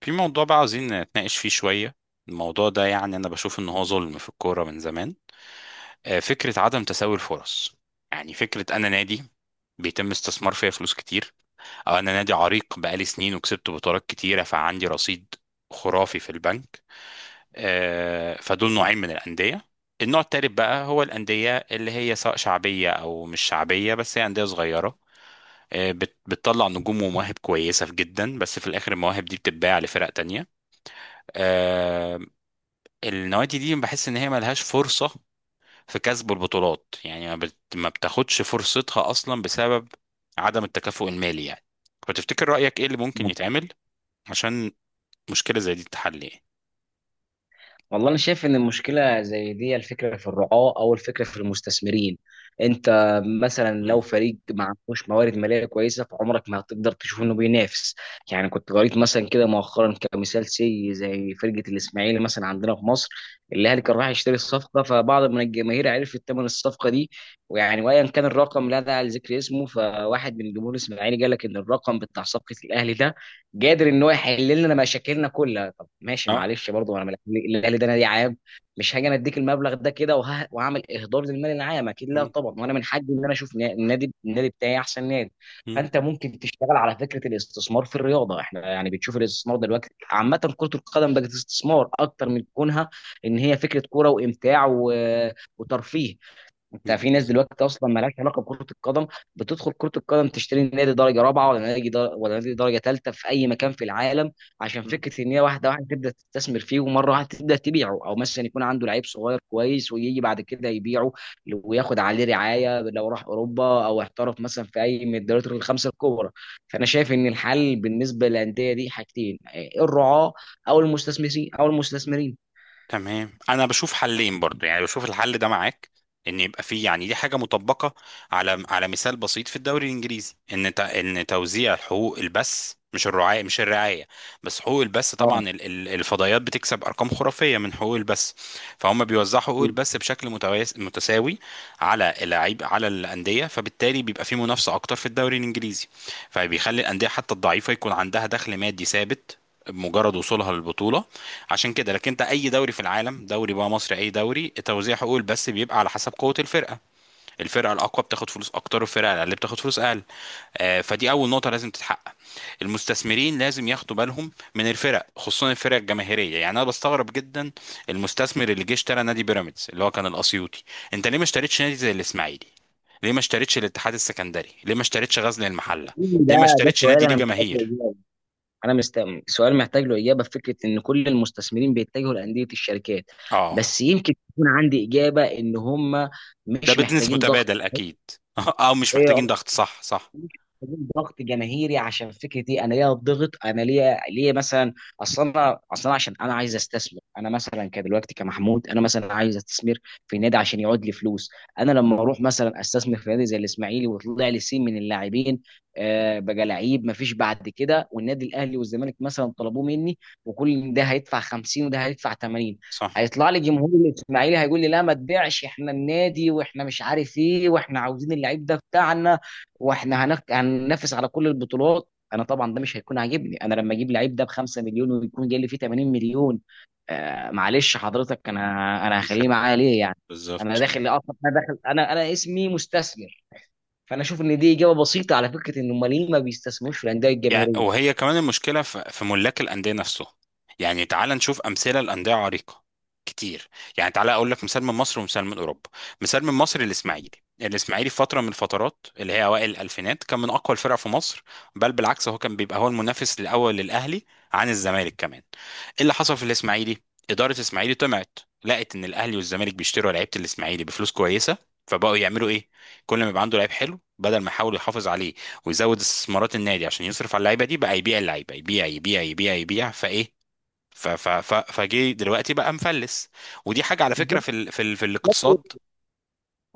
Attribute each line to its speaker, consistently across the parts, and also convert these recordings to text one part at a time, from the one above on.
Speaker 1: في موضوع بقى عاوزين نتناقش فيه شوية. الموضوع ده يعني أنا بشوف إن هو ظلم في الكورة من زمان. فكرة عدم تساوي الفرص، يعني فكرة أنا نادي بيتم استثمار فيا فلوس كتير، أو أنا نادي عريق بقالي سنين وكسبت بطولات كتيرة فعندي رصيد خرافي في البنك. فدول نوعين من الأندية. النوع التالت بقى هو الأندية اللي هي سواء شعبية أو مش شعبية، بس هي أندية صغيرة. بتطلع نجوم ومواهب كويسة جدا، بس في الآخر المواهب دي بتتباع لفرق تانية. آه، النوادي دي بحس ان هي ملهاش فرصة في كسب البطولات، يعني ما بتاخدش فرصتها اصلا بسبب عدم التكافؤ المالي يعني. فتفتكر رأيك ايه اللي ممكن يتعمل عشان مشكلة زي دي تتحل يعني؟
Speaker 2: والله انا شايف ان المشكله زي دي الفكره في الرعاه او الفكره في المستثمرين. انت مثلا لو
Speaker 1: مم.
Speaker 2: فريق ما عندوش موارد ماليه كويسه فعمرك ما هتقدر تشوف انه بينافس. يعني كنت قريت مثلا كده مؤخرا كمثال سي زي فرقه الاسماعيلي مثلا عندنا في مصر، الاهلي كان راح يشتري الصفقه، فبعض من الجماهير عرفت ثمن الصفقه دي، ويعني وايا كان الرقم لا داعي لذكر اسمه، فواحد من جمهور الاسماعيلي قال لك ان الرقم بتاع صفقه الاهلي ده قادر ان هو يحل لنا مشاكلنا كلها. ماشي،
Speaker 1: اه.
Speaker 2: معلش، برضه انا الاهلي ده نادي عام، مش هاجي انا اديك المبلغ ده كده وهعمل اهدار للمال العام، اكيد لا
Speaker 1: مم.
Speaker 2: طبعا. وانا من حقي ان انا اشوف النادي بتاعي احسن نادي.
Speaker 1: مم.
Speaker 2: فانت ممكن تشتغل على فكره الاستثمار في الرياضه. احنا يعني بتشوف الاستثمار دلوقتي، عامه كره القدم بقت استثمار اكتر من كونها ان هي فكره كوره وامتاع وترفيه. انت في ناس
Speaker 1: بالظبط.
Speaker 2: دلوقتي اصلا مالهاش علاقه بكره القدم، بتدخل كره القدم تشتري نادي درجه رابعه ولا ولا نادي درجه ثالثه في اي مكان في العالم، عشان فكره ان هي واحده واحده تبدا تستثمر فيه ومره واحده تبدا تبيعه، او مثلا يكون عنده لعيب صغير كويس ويجي بعد كده يبيعه وياخد عليه رعايه لو راح اوروبا او احترف مثلا في اي من الدوريات الخمسه الكبرى. فانا شايف ان الحل بالنسبه للانديه دي حاجتين، الرعاه او المستثمرين
Speaker 1: تمام، انا بشوف حلين برضو، يعني بشوف الحل ده معاك، ان يبقى فيه، يعني دي حاجه مطبقه على على مثال بسيط في الدوري الانجليزي، ان ان توزيع حقوق البث، مش الرعايه مش الرعايه، بس حقوق البث.
Speaker 2: اه،
Speaker 1: طبعا الفضائيات بتكسب ارقام خرافيه من حقوق البث، فهم بيوزعوا حقوق البث بشكل متساوي على اللاعب على الانديه، فبالتالي بيبقى في منافسه اكتر في الدوري الانجليزي، فبيخلي الانديه حتى الضعيفه يكون عندها دخل مادي ثابت بمجرد وصولها للبطوله عشان كده. لكن انت اي دوري في العالم، دوري بقى مصري اي دوري، توزيع حقوق البث بيبقى على حسب قوه الفرقه، الفرقه الاقوى بتاخد فلوس اكتر والفرقه الاقل بتاخد فلوس اقل. فدي اول نقطه لازم تتحقق. المستثمرين لازم ياخدوا بالهم من الفرق، خصوصا الفرق الجماهيريه. يعني انا بستغرب جدا المستثمر اللي جه اشترى نادي بيراميدز اللي هو كان الاسيوطي، انت ليه ما اشتريتش نادي زي الاسماعيلي؟ ليه ما اشتريتش الاتحاد السكندري؟ ليه ما اشتريتش غزل المحله؟
Speaker 2: ده
Speaker 1: ليه ما اشتريتش
Speaker 2: سؤال
Speaker 1: نادي ليه
Speaker 2: انا محتاج،
Speaker 1: جماهير؟
Speaker 2: انا مست... سؤال محتاج له اجابه في فكره ان كل المستثمرين بيتجهوا لانديه الشركات.
Speaker 1: اه.
Speaker 2: بس يمكن تكون عندي اجابه ان هم
Speaker 1: ده
Speaker 2: مش
Speaker 1: بزنس
Speaker 2: محتاجين ضغط،
Speaker 1: متبادل اكيد. اه، مش محتاجين ضغط، صح، صح،
Speaker 2: محتاجين ضغط جماهيري. عشان فكره ايه، انا ليا ضغط؟ انا ليا مثلا اصلا، انا اصلا عشان انا عايز استثمر، انا مثلا كدلوقتي كمحمود انا مثلا عايز استثمر في نادي عشان يعود لي فلوس. انا لما اروح مثلا استثمر في نادي زي الاسماعيلي وطلع لي سين من اللاعبين، آه بقى لعيب مفيش بعد كده، والنادي الاهلي والزمالك مثلا طلبوه مني، وكل ده هيدفع 50 وده هيدفع 80،
Speaker 1: صح.
Speaker 2: هيطلع لي جمهور الاسماعيلي هيقول لي لا ما تبيعش، احنا النادي واحنا مش عارف ايه واحنا عاوزين اللعيب ده بتاعنا، واحنا هننافس على كل البطولات. انا طبعا ده مش هيكون عاجبني، انا لما اجيب لعيب ده ب 5 مليون ويكون جاي لي فيه 80 مليون، آه معلش حضرتك، انا
Speaker 1: مش
Speaker 2: هخليه
Speaker 1: هت-
Speaker 2: معايا ليه يعني؟ انا
Speaker 1: بالظبط.
Speaker 2: داخل اصلا، انا داخل، انا اسمي مستثمر. فانا اشوف ان دي اجابه بسيطه على فكره ان امال ليه ما بيستثمروش في الانديه
Speaker 1: يعني
Speaker 2: الجماهيريه.
Speaker 1: وهي كمان المشكلة في في ملاك الأندية نفسه. يعني تعال نشوف أمثلة لأندية عريقة كتير. يعني تعال أقول لك مثال من مصر ومثال من أوروبا. مثال من مصر الإسماعيلي. الإسماعيلي في فترة من الفترات اللي هي أوائل الألفينات كان من أقوى الفرق في مصر، بل بالعكس هو كان بيبقى هو المنافس الأول للأهلي عن الزمالك كمان. إيه اللي حصل في الإسماعيلي؟ إدارة الإسماعيلي طمعت، لقت إن الأهلي والزمالك بيشتروا لعيبة الإسماعيلي بفلوس كويسة، فبقوا يعملوا إيه؟ كل ما يبقى عنده لعيب حلو، بدل ما يحاولوا يحافظ عليه ويزود استثمارات النادي عشان يصرف على اللعيبه دي، بقى يبيع اللعيبه، يبيع يبيع يبيع يبيع، فايه؟ فجه دلوقتي بقى مفلس. ودي حاجه على فكره
Speaker 2: بالظبط.
Speaker 1: في الاقتصاد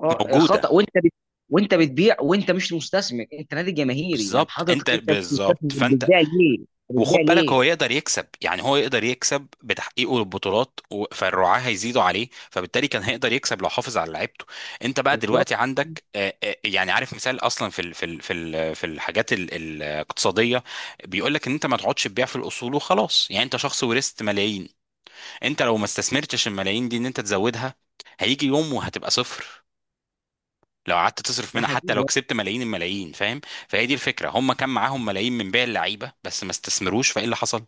Speaker 2: اه،
Speaker 1: موجوده.
Speaker 2: خطا، وانت بتبيع وانت مش مستثمر، انت نادي جماهيري، يعني
Speaker 1: بالظبط، انت
Speaker 2: حضرتك انت مش
Speaker 1: بالظبط،
Speaker 2: مستثمر،
Speaker 1: فانت
Speaker 2: بتبيع ليه؟
Speaker 1: وخد بالك هو يقدر يكسب، يعني هو يقدر يكسب بتحقيقه للبطولات، فالرعاة هيزيدوا عليه، فبالتالي كان هيقدر يكسب لو حافظ على لعيبته. انت بقى
Speaker 2: بالظبط.
Speaker 1: دلوقتي عندك، يعني عارف، مثال اصلا في الحاجات الاقتصاديه بيقول لك ان انت ما تقعدش تبيع في الاصول وخلاص. يعني انت شخص ورثت ملايين، انت لو ما استثمرتش الملايين دي، ان انت تزودها، هيجي يوم وهتبقى صفر لو قعدت تصرف
Speaker 2: ده
Speaker 1: منها، حتى لو
Speaker 2: حقيقي.
Speaker 1: كسبت ملايين الملايين، فاهم؟ فهي دي الفكره، هم كان معاهم ملايين من بيع اللعيبه، بس ما استثمروش، فايه اللي حصل؟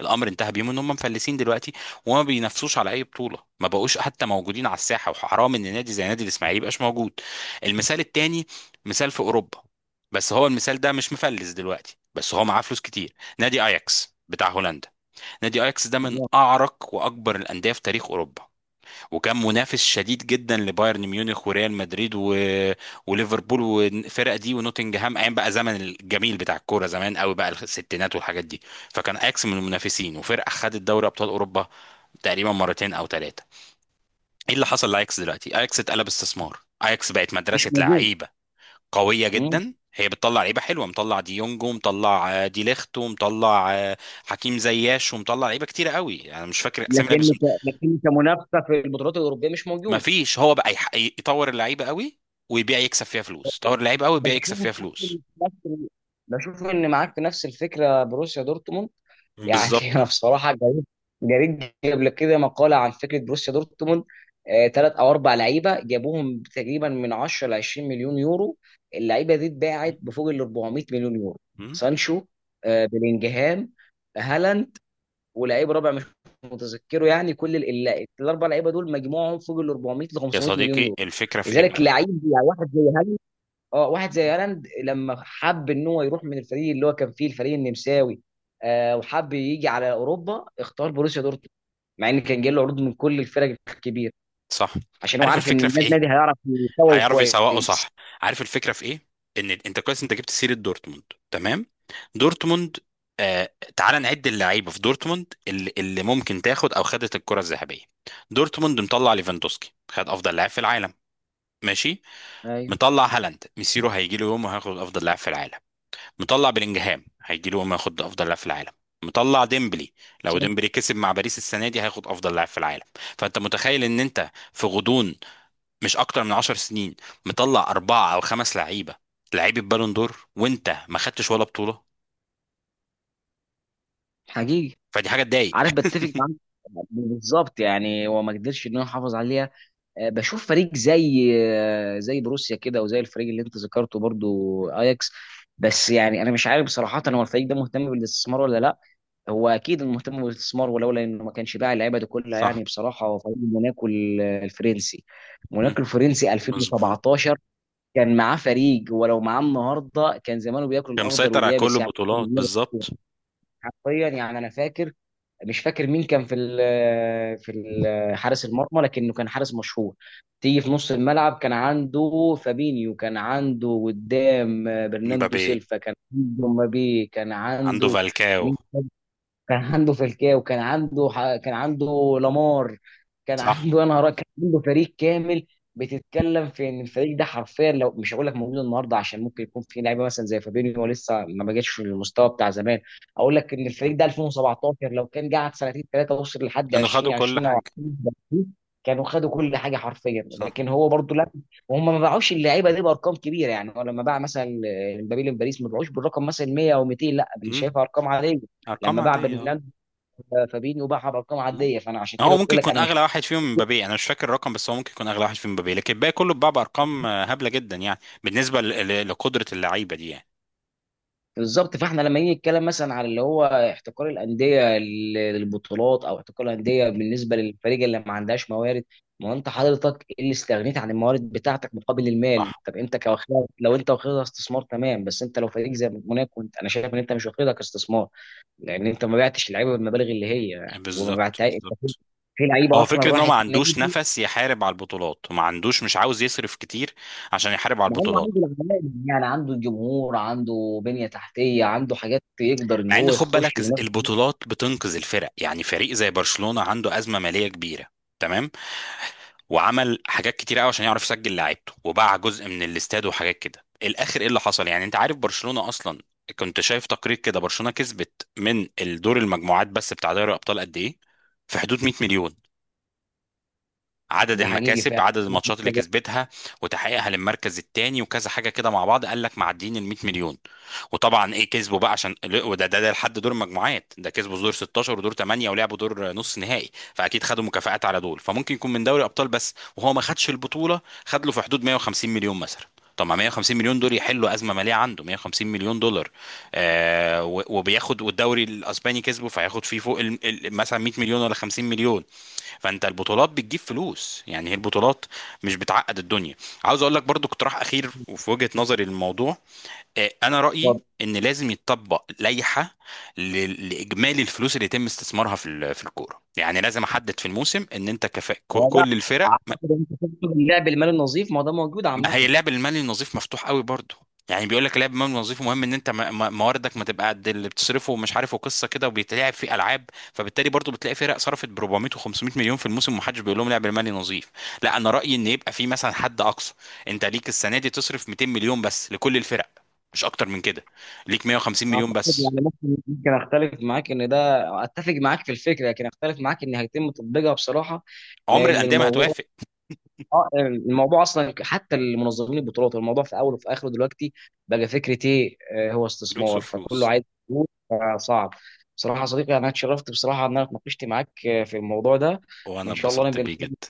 Speaker 1: الامر انتهى بيهم ان هم مفلسين دلوقتي وما بينافسوش على اي بطوله، ما بقوش حتى موجودين على الساحه، وحرام ان نادي زي نادي الاسماعيلي يبقاش موجود. المثال التاني، مثال في اوروبا، بس هو المثال ده مش مفلس دلوقتي، بس هو معاه فلوس كتير. نادي اياكس بتاع هولندا. نادي اياكس ده من
Speaker 2: اه.
Speaker 1: اعرق واكبر الانديه في تاريخ اوروبا، وكان منافس شديد جدا لبايرن ميونخ وريال مدريد وليفربول والفرق دي ونوتنجهام، ايام بقى زمن الجميل بتاع الكوره زمان قوي بقى، الستينات والحاجات دي. فكان اياكس من المنافسين، وفرقه خدت دوري ابطال اوروبا تقريبا مرتين او ثلاثه. ايه اللي حصل لاياكس دلوقتي؟ اياكس اتقلب استثمار، اياكس بقت
Speaker 2: مش
Speaker 1: مدرسه
Speaker 2: موجود.
Speaker 1: لعيبه قويه جدا، هي بتطلع لعيبه حلوه، مطلع ديونج، ومطلع دي ليخت، ومطلع حكيم زياش، ومطلع لعيبه كتيره قوي، انا مش فاكر اسامي لعيبه.
Speaker 2: لكن كمنافسه في البطولات الاوروبيه مش
Speaker 1: ما
Speaker 2: موجود.
Speaker 1: فيش، هو بقى يطور اللعيبه قوي ويبيع يكسب فيها فلوس، يطور اللعيبه قوي ويبيع يكسب
Speaker 2: بشوف إن
Speaker 1: فيها فلوس.
Speaker 2: معاك- بشوف ان معاك في نفس الفكره بروسيا دورتموند. يعني انا
Speaker 1: بالظبط.
Speaker 2: بصراحه جريت قبل كده مقاله عن فكره بروسيا دورتموند، ثلاث او اربع لعيبه جابوهم تقريبا من 10 ل 20 مليون يورو، اللعيبه دي
Speaker 1: م-
Speaker 2: اتباعت بفوق ال 400 مليون يورو.
Speaker 1: م.
Speaker 2: سانشو، بلينجهام، هالاند، ولعيب رابع مش متذكره. يعني كل الاربع لعيبه دول مجموعهم فوق ال 400 ل
Speaker 1: يا
Speaker 2: 500 مليون
Speaker 1: صديقي،
Speaker 2: يورو.
Speaker 1: الفكره في ايه
Speaker 2: لذلك
Speaker 1: بقى؟
Speaker 2: لعيب يعني واحد زي هالاند، اه واحد زي هالاند لما حب ان هو يروح من الفريق اللي هو كان فيه الفريق النمساوي، وحب يجي على اوروبا، اختار بروسيا دورتموند، مع ان كان جاي له عروض من كل الفرق الكبيره،
Speaker 1: صح.
Speaker 2: عشان هو
Speaker 1: عارف
Speaker 2: عارف ان
Speaker 1: الفكره في
Speaker 2: النادي
Speaker 1: ايه؟
Speaker 2: نادي هيعرف يسوق
Speaker 1: هيعرف يسوقه،
Speaker 2: كويس.
Speaker 1: صح. عارف الفكره في ايه؟ ان انت كويس انت جبت سيره دورتموند، تمام، دورتموند. تعال نعد اللعيبه في دورتموند اللي ممكن تاخد او خدت الكره الذهبيه. دورتموند مطلع ليفاندوسكي، خد افضل لاعب في العالم، ماشي.
Speaker 2: ايوه.
Speaker 1: مطلع هالاند، ميسيرو هيجي له يوم وهياخد افضل لاعب في العالم. مطلع بلينجهام، هيجي له ياخد افضل لاعب في العالم. مطلع ديمبلي، لو
Speaker 2: صح.
Speaker 1: ديمبلي كسب مع باريس السنه دي هياخد افضل لاعب في العالم. فانت متخيل ان انت في غضون مش اكتر من 10 سنين مطلع اربعه او خمس لعيبه، لعيبه بالون دور، وانت ما خدتش ولا بطوله؟
Speaker 2: حقيقي.
Speaker 1: فدي حاجه تضايق.
Speaker 2: عارف بتفق معاك بالظبط، يعني هو ما قدرش ان هو يحافظ عليه. بشوف فريق زي زي بروسيا كده، وزي الفريق اللي انت ذكرته برضو اياكس. بس يعني انا مش عارف بصراحه هو الفريق ده مهتم بالاستثمار ولا لا. هو اكيد مهتم بالاستثمار، ولولا انه ما كانش باع اللعيبه دي كلها.
Speaker 1: صح.
Speaker 2: يعني بصراحه هو فريق موناكو الفرنسي،
Speaker 1: مم.
Speaker 2: موناكو الفرنسي
Speaker 1: مظبوط.
Speaker 2: 2017 كان معاه فريق، ولو معاه النهارده كان زمانه بياكل
Speaker 1: كان
Speaker 2: الاخضر
Speaker 1: مسيطر على كل
Speaker 2: واليابس يعني.
Speaker 1: البطولات، بالظبط.
Speaker 2: حرفيا، يعني انا فاكر، مش فاكر مين كان في حارس المرمى لكنه كان حارس مشهور. تيجي في نص الملعب كان عنده فابينيو، كان عنده قدام برناندو
Speaker 1: مبابي.
Speaker 2: سيلفا، كان عنده مبابي، كان
Speaker 1: عنده
Speaker 2: عنده
Speaker 1: فالكاو.
Speaker 2: فالكاو، كان عنده كان عنده لامار، كان
Speaker 1: صح.
Speaker 2: عنده انا هراء، كان عنده فريق كامل. بتتكلم في ان الفريق ده حرفيا لو مش هقول لك موجود النهارده، عشان ممكن يكون في لعيبه مثلا زي فابينيو لسه ما بقتش في المستوى بتاع زمان. اقول لك ان
Speaker 1: مم.
Speaker 2: الفريق ده 2017 لو كان قعد سنتين ثلاثه وصل لحد
Speaker 1: كانوا خدوا كل
Speaker 2: 2020 او
Speaker 1: حاجه.
Speaker 2: 2030، كانوا خدوا كل حاجه حرفيا.
Speaker 1: صح.
Speaker 2: لكن هو برضو لا، وهم ما باعوش اللعيبه دي بارقام كبيره، يعني هو لما باع مثلا مبابي لباريس ما باعوش بالرقم مثلا 100 او 200، لا أنا
Speaker 1: مم.
Speaker 2: شايفها ارقام عاديه.
Speaker 1: ارقام
Speaker 2: لما باع
Speaker 1: عاديه.
Speaker 2: برنامج فابينيو باعها بارقام عاديه. فانا عشان كده
Speaker 1: هو
Speaker 2: قلت
Speaker 1: ممكن
Speaker 2: لك
Speaker 1: يكون
Speaker 2: انا مش
Speaker 1: اغلى واحد فيهم مبابي، انا مش فاكر الرقم، بس هو ممكن يكون اغلى واحد فيهم مبابي، لكن الباقي كله اتباع بارقام هبله جدا يعني بالنسبه لقدره اللعيبه دي يعني.
Speaker 2: بالظبط. فاحنا لما نيجي نتكلم مثلا على اللي هو احتكار الانديه للبطولات، او احتكار الانديه بالنسبه للفريق اللي ما عندهاش موارد، ما هو انت حضرتك إيه اللي استغنيت عن الموارد بتاعتك مقابل المال؟
Speaker 1: صح.
Speaker 2: طب انت كواخدها، لو انت واخدها استثمار تمام، بس انت لو فريق زي موناكو، انت انا شايف ان انت مش واخدها كاستثمار، لان انت ما بعتش اللعيبه بالمبالغ اللي هي، وما
Speaker 1: بالظبط
Speaker 2: بعتها انت في
Speaker 1: بالظبط.
Speaker 2: لعيبه
Speaker 1: هو
Speaker 2: اصلا
Speaker 1: فكره ان هو ما
Speaker 2: راحت نادي.
Speaker 1: عندوش نفس يحارب على البطولات، وما عندوش، مش عاوز يصرف كتير عشان يحارب على
Speaker 2: ما هو
Speaker 1: البطولات.
Speaker 2: عنده العمال، يعني عنده الجمهور، عنده بنية تحتية، عنده حاجات يقدر ان
Speaker 1: مع ان
Speaker 2: هو
Speaker 1: خد
Speaker 2: يخش
Speaker 1: بالك
Speaker 2: وينافس بيها.
Speaker 1: البطولات بتنقذ الفرق، يعني فريق زي برشلونه عنده ازمه ماليه كبيره، تمام، وعمل حاجات كتير قوي عشان يعرف يسجل لعيبته، وباع جزء من الاستاد وحاجات كده الاخر. ايه اللي حصل؟ يعني انت عارف برشلونة اصلا، كنت شايف تقرير كده، برشلونة كسبت من الدور المجموعات بس بتاع دوري الابطال قد ايه؟ في حدود 100 مليون. عدد
Speaker 2: ده حقيقي
Speaker 1: المكاسب،
Speaker 2: فعلا.
Speaker 1: عدد الماتشات اللي كسبتها وتحقيقها للمركز الثاني وكذا حاجه كده مع بعض، قال لك معديين ال 100 مليون. وطبعا ايه كسبوا بقى، عشان وده ده ده لحد دور المجموعات ده، كسبوا دور 16 ودور 8 ولعبوا دور نص نهائي، فاكيد خدوا مكافآت على دول. فممكن يكون من دوري ابطال بس، وهو ما خدش البطوله، خد له في حدود 150 مليون مثلا. طب ما 150 مليون دول يحلوا ازمه ماليه، عنده 150 مليون دولار. وبياخد، والدوري الاسباني كسبه، فهياخد فيه فوق مثلا 100 مليون ولا 50 مليون. فانت البطولات بتجيب فلوس، يعني هي البطولات مش بتعقد الدنيا. عاوز اقول لك برضو اقتراح اخير، وفي وجهة نظري للموضوع، انا رأيي ان لازم يتطبق لائحة لاجمالي الفلوس اللي يتم استثمارها في الكورة. يعني لازم احدد في الموسم ان انت
Speaker 2: هو ده.
Speaker 1: كل الفرق.
Speaker 2: اعتقد انت تقصد اللعب المالي النظيف، ما هو ده موجود
Speaker 1: ما هي
Speaker 2: عامة.
Speaker 1: اللعب المالي النظيف مفتوح قوي برضه، يعني بيقول لك اللعب المالي النظيف مهم ان انت مواردك ما تبقى قد اللي بتصرفه، ومش عارف، وقصه كده، وبيتلعب في العاب، فبالتالي برضه بتلاقي فرق صرفت ب 400 و500 مليون في الموسم ومحدش بيقول لهم لعب المالي نظيف. لا انا رايي ان يبقى في مثلا حد اقصى، انت ليك السنه دي تصرف 200 مليون بس لكل الفرق، مش اكتر من كده، ليك 150 مليون
Speaker 2: اعتقد
Speaker 1: بس.
Speaker 2: يعني ممكن اختلف معاك ان ده، اتفق معاك في الفكرة لكن اختلف معاك ان هيتم تطبيقها بصراحة،
Speaker 1: عمر
Speaker 2: لان
Speaker 1: الانديه ما
Speaker 2: الموضوع،
Speaker 1: هتوافق.
Speaker 2: اه الموضوع اصلا حتى المنظمين البطولات الموضوع في اوله وفي اخره دلوقتي بقى فكره ايه، هو
Speaker 1: فلوس
Speaker 2: استثمار، فكله
Speaker 1: وفلوس.
Speaker 2: عايز فلوس، فصعب. بصراحه يا صديقي انا اتشرفت بصراحه ان انا اتناقشت معاك في الموضوع ده.
Speaker 1: وانا
Speaker 2: وان شاء الله
Speaker 1: اتبسطت
Speaker 2: نبقى
Speaker 1: بيه
Speaker 2: نتكلم
Speaker 1: جدا.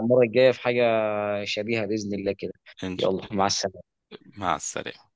Speaker 2: المره الجايه في حاجه شبيهه باذن الله كده.
Speaker 1: إن-
Speaker 2: يلا، مع السلامه.
Speaker 1: مع السلامه.